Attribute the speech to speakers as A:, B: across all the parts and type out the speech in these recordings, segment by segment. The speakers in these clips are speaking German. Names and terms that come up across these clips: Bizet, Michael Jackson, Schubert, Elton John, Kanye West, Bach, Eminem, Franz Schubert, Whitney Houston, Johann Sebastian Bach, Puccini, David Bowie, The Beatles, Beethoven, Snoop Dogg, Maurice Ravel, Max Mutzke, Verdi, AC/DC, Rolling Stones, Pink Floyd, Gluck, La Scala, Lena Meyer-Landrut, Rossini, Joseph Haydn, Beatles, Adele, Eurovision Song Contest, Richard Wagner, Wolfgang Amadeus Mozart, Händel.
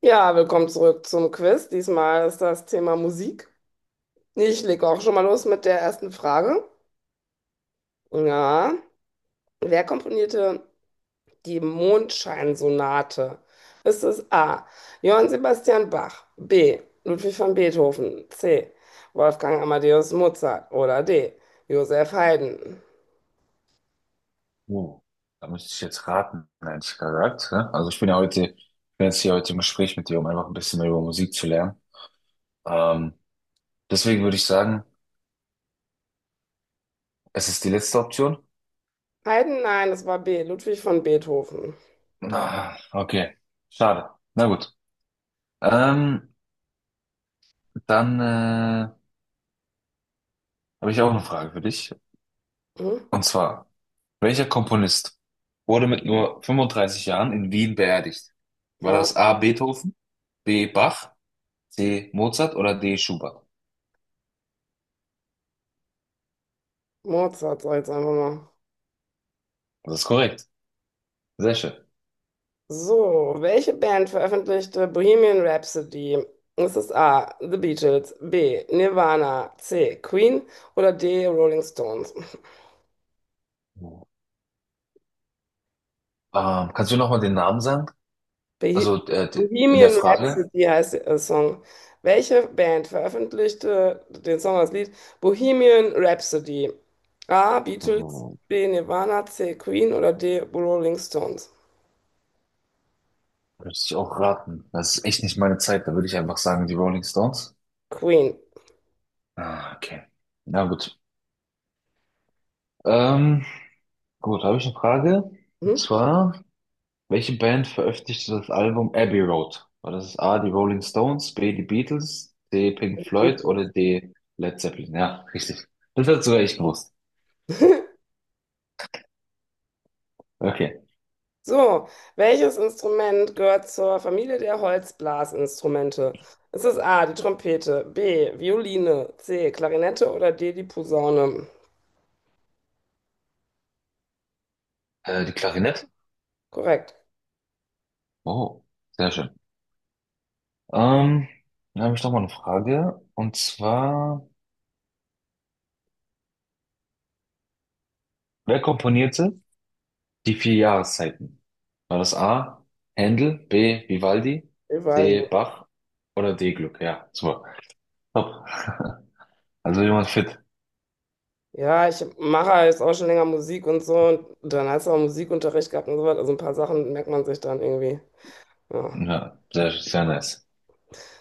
A: Ja, willkommen zurück zum Quiz. Diesmal ist das Thema Musik. Ich lege auch schon mal los mit der ersten Frage. Ja, wer komponierte die Mondscheinsonate? Ist es A. Johann Sebastian Bach, B. Ludwig van Beethoven, C. Wolfgang Amadeus Mozart oder D. Joseph Haydn?
B: Oh, da müsste ich jetzt raten, ehrlich gesagt, ne? Also ich bin ja heute, ich bin jetzt hier heute im Gespräch mit dir, um einfach ein bisschen mehr über Musik zu lernen. Ähm, Deswegen würde ich sagen, es ist die letzte Option.
A: Haydn, nein, es war B. Ludwig van Beethoven.
B: Ah, okay, schade. Na gut. Ähm, dann Habe ich auch eine Frage für dich.
A: Hm?
B: Und zwar, welcher Komponist wurde mit nur 35 Jahren in Wien beerdigt? War
A: Ja,
B: das A. Beethoven, B. Bach, C. Mozart oder D. Schubert?
A: Mozart, sag ich jetzt einfach mal.
B: Das ist korrekt. Sehr schön.
A: So, welche Band veröffentlichte Bohemian Rhapsody? Ist es A, The Beatles, B, Nirvana, C, Queen oder D, Rolling Stones?
B: Kannst du nochmal den Namen sagen?
A: Beh-
B: Also in der
A: Bohemian
B: Frage.
A: Rhapsody heißt der Song. Welche Band veröffentlichte den Song als Lied Bohemian Rhapsody? A, Beatles,
B: Oh,
A: B, Nirvana, C, Queen oder D, Rolling Stones?
B: würde ich auch raten. Das ist echt nicht meine Zeit. Da würde ich einfach sagen, die Rolling Stones.
A: Queen.
B: Ah, okay. Na gut. Ähm, gut, habe ich eine Frage.
A: Hm?
B: Und zwar, welche Band veröffentlichte das Album Abbey Road? War das A, die Rolling Stones, B, die Beatles, C, Pink Floyd oder
A: Beatles.
B: D, Led Zeppelin? Ja, richtig. Das hat du sogar echt gewusst. Okay.
A: So, welches Instrument gehört zur Familie der Holzblasinstrumente? Ist es A, die Trompete, B, Violine, C, Klarinette oder D, die Posaune?
B: Die Klarinette?
A: Korrekt.
B: Oh, sehr schön. Ähm, Dann habe ich noch mal eine Frage. Und zwar, wer komponierte die vier Jahreszeiten? War das A, Händel, B, Vivaldi,
A: Überall die.
B: C, Bach oder D, Gluck? Ja, super. Top. Also jemand fit.
A: Ja, ich mache jetzt auch schon länger Musik und so. Und dann hast du auch Musikunterricht gehabt und so was. Also ein paar Sachen merkt man sich dann irgendwie. Ja.
B: Ja, sehr, sehr nice.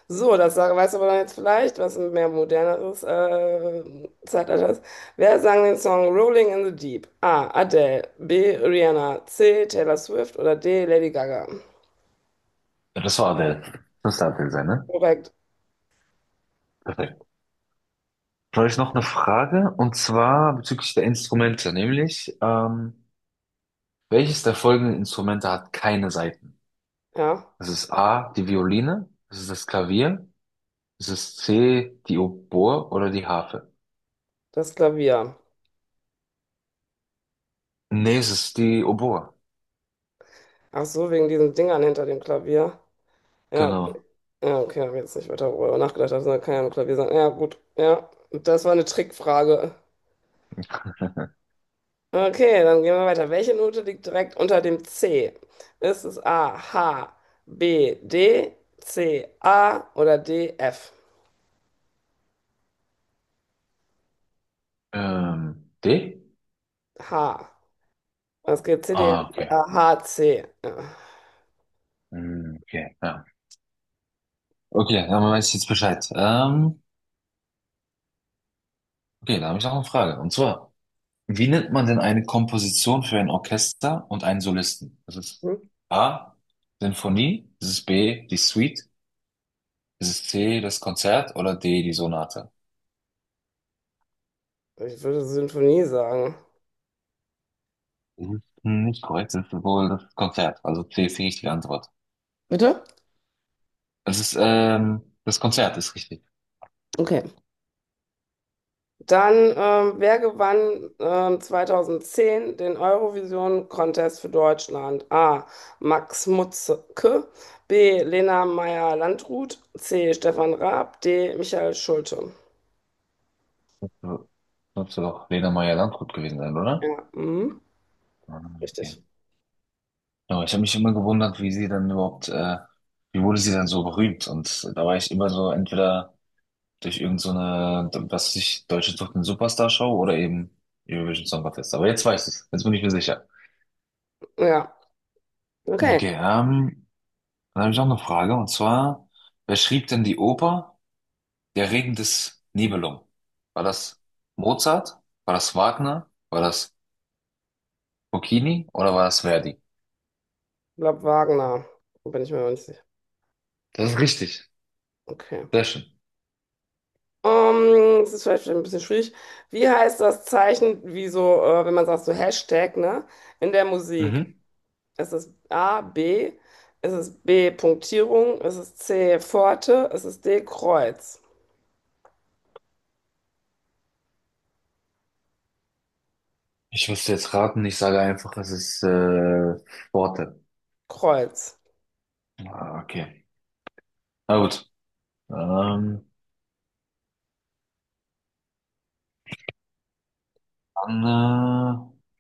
A: So, weißt aber dann jetzt vielleicht, was ein mehr moderneres Zeitalter ist. Wer sang den Song Rolling in the Deep? A. Adele, B. Rihanna, C. Taylor Swift oder D. Lady Gaga?
B: Ja, das war Adele. Das müsste Adele sein, ne?
A: Korrekt,
B: Perfekt. Dann habe ich noch eine Frage, und zwar bezüglich der Instrumente, nämlich, welches der folgenden Instrumente hat keine Saiten?
A: ja,
B: Das ist A, die Violine, das ist das Klavier. Ist es C, die Oboe oder die Harfe?
A: das Klavier.
B: Nee, es ist die Oboe.
A: Ach so, wegen diesen Dingern hinter dem Klavier. Ja,
B: Genau.
A: ja, okay, habe jetzt nicht weiter darüber nachgedacht, das kann ja nur Klavier sein. Ja, gut, ja, das war eine Trickfrage. Okay, dann gehen wir weiter. Welche Note liegt direkt unter dem C? Ist es A, H, B, D, C, A oder D, F?
B: D?
A: H. Was geht C, D, F,
B: Ah, okay.
A: A, H, C? Ja.
B: Hm, okay, ja. Okay, dann weiß ich jetzt Bescheid. Okay, da habe ich noch eine Frage. Und zwar, wie nennt man denn eine Komposition für ein Orchester und einen Solisten? Das ist
A: Hm?
B: A, Sinfonie, das ist B, die Suite, das ist C, das Konzert oder D, die Sonate?
A: Ich würde Sinfonie sagen.
B: Das ist nicht korrekt, das ist wohl das Konzert. Also C ist die richtige Antwort.
A: Bitte?
B: Das ist, das Konzert ist richtig.
A: Okay. Dann, wer gewann 2010 den Eurovision Contest für Deutschland? A. Max Mutzke, B. Lena Meyer-Landrut, C. Stefan Raab, D. Michael Schulte.
B: So, sollte doch Lena Meyer-Landrut gewesen sein, oder?
A: Ja, mhm.
B: Ah, okay.
A: Richtig.
B: Aber ich habe mich immer gewundert, wie sie dann überhaupt, wie wurde sie dann so berühmt? Und da war ich immer so entweder durch irgend so eine, was weiß ich, Deutsche Sucht den Superstar Show oder eben Eurovision Song Contest. Aber jetzt weiß ich's. Jetzt bin ich mir sicher.
A: Ja, okay.
B: Okay, dann habe ich noch eine Frage, und zwar, wer schrieb denn die Oper Der Regen des Nibelungen? War das Mozart? War das Wagner? War das Burkini oder war es Verdi?
A: Ich glaube Wagner. Bin ich mir noch nicht sicher.
B: Das ist richtig.
A: Okay.
B: Sehr schön.
A: Das ist vielleicht ein bisschen schwierig. Wie heißt das Zeichen, wie so, wenn man sagt, so Hashtag, ne? In der Musik.
B: Mhm.
A: Ist es A, B? Ist es B, Punktierung? Ist es C, Pforte? Ist es D, Kreuz?
B: Ich müsste jetzt raten, ich sage einfach, es ist Worte.
A: Kreuz.
B: Ah, okay. Na gut. Ähm, dann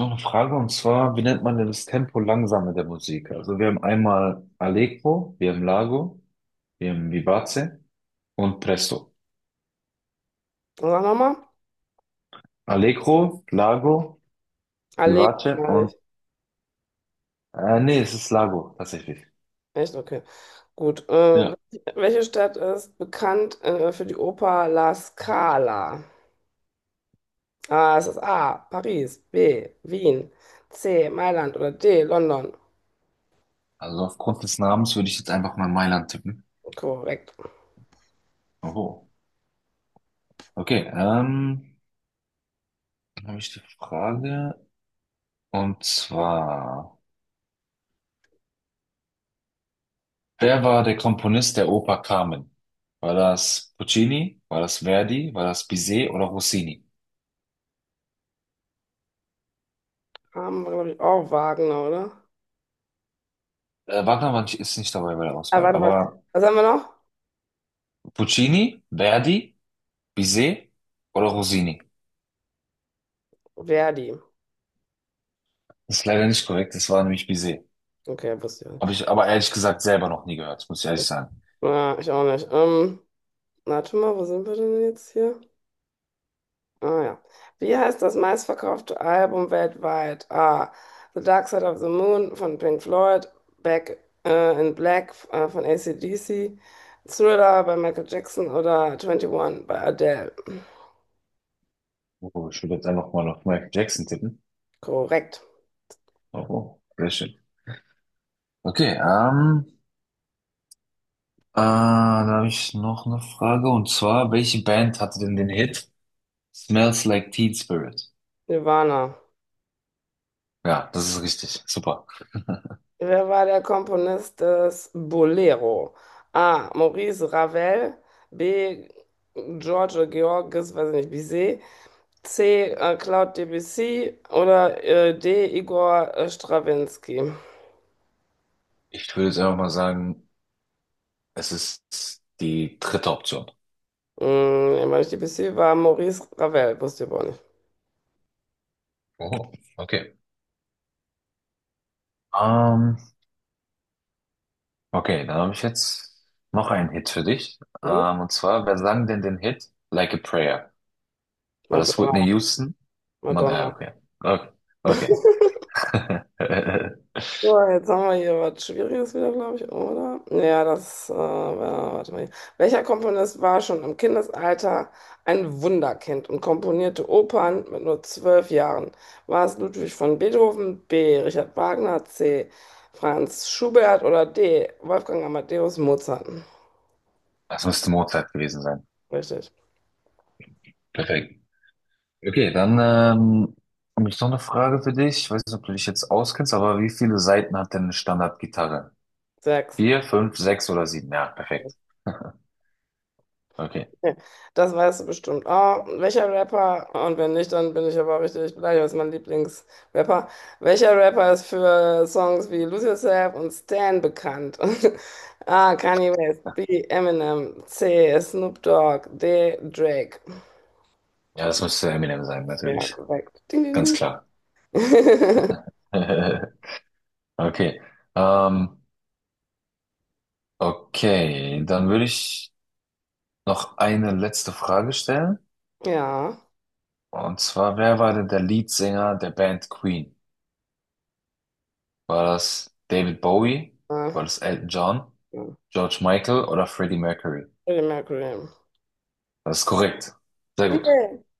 B: Noch eine Frage, und zwar, wie nennt man denn das Tempo langsame der Musik? Also wir haben einmal Allegro, wir haben Largo, wir haben Vivace und Presto.
A: Sag nochmal.
B: Allegro, Largo,
A: Allee,
B: Vivace
A: meine
B: und
A: ich.
B: nee, es ist Largo tatsächlich.
A: Echt? Okay. Gut.
B: Ja.
A: Welche Stadt ist bekannt, für die Oper La Scala? Ah, es ist A, Paris, B, Wien, C, Mailand oder D, London.
B: Also aufgrund des Namens würde ich jetzt einfach mal Mailand tippen.
A: Korrekt.
B: Oh. Okay, dann habe ich die Frage. Und zwar, wer war der Komponist der Oper Carmen? War das Puccini? War das Verdi? War das Bizet oder Rossini?
A: Haben wir, glaube ich, auch Wagner, oder?
B: Wagner war nicht, ist nicht dabei bei der
A: Ah,
B: Auswahl,
A: warte.
B: aber
A: Was haben wir noch?
B: Puccini, Verdi, Bizet oder Rossini?
A: Verdi.
B: Das ist leider nicht korrekt, das war nämlich Bizet.
A: Okay, wusste ich auch nicht.
B: Habe ich aber ehrlich gesagt selber noch nie gehört, muss ich ehrlich sagen.
A: Ja, ich auch nicht. Warte mal, wo sind wir denn jetzt hier? Ah ja. Wie heißt das meistverkaufte Album weltweit? A. The Dark Side of the Moon von Pink Floyd, Back in Black von AC/DC, Thriller bei Michael Jackson oder 21 bei Adele.
B: Oh, ich würde jetzt einfach mal auf Michael Jackson tippen.
A: Korrekt.
B: Oh, oh, sehr schön. Okay, ah, da habe ich noch eine Frage. Und zwar, welche Band hatte denn den Hit Smells Like Teen Spirit?
A: Silvana.
B: Ja, das ist richtig. Super.
A: Wer war der Komponist des Bolero? A. Maurice Ravel. B. George Georges, weiß ich nicht, Bizet. C. Claude Debussy. Oder D. Igor Strawinsky.
B: Ich würde jetzt einfach mal sagen, es ist die dritte Option.
A: Hm, ich meine, Debussy war Maurice Ravel, wusste ich aber auch nicht.
B: Oh, okay. Ähm, okay, dann habe ich jetzt noch einen Hit für dich.
A: Mhm.
B: Und zwar, wer sang denn den Hit Like a Prayer? War das
A: Madonna,
B: Whitney Houston? Mann, ah,
A: Madonna.
B: okay. Okay. Okay.
A: So, jetzt haben wir hier was Schwieriges wieder, glaube ich, oder? Ja, warte mal hier. Welcher Komponist war schon im Kindesalter ein Wunderkind und komponierte Opern mit nur 12 Jahren? War es Ludwig von Beethoven, B. Richard Wagner, C. Franz Schubert oder D. Wolfgang Amadeus Mozart?
B: Es müsste Mozart gewesen sein.
A: Richtig.
B: Perfekt. Okay, dann habe ich noch eine Frage für dich. Ich weiß nicht, ob du dich jetzt auskennst, aber wie viele Saiten hat denn eine Standardgitarre?
A: Sechs.
B: 4, 5, 6 oder 7? Ja, perfekt. Okay.
A: Nee, das weißt du bestimmt. Ah, welcher Rapper, und wenn nicht, dann bin ich aber richtig beleidigt, das ist mein Lieblingsrapper. Welcher Rapper ist für Songs wie Lose Yourself und Stan bekannt? A. Kanye West, B. Eminem, C. Snoop Dogg, D. Drake.
B: Ja, das müsste Eminem sein,
A: Ja,
B: natürlich.
A: korrekt. Ding, ding,
B: Ganz
A: ding.
B: klar. Okay. Ähm, okay, dann würde ich noch eine letzte Frage stellen.
A: Ja.
B: Und zwar, wer war denn der Leadsänger der Band Queen? War das David Bowie?
A: Ah,
B: War das Elton John?
A: ja.
B: George Michael oder Freddie Mercury?
A: Freddie Mercury.
B: Das ist korrekt. Sehr gut.
A: Yeah.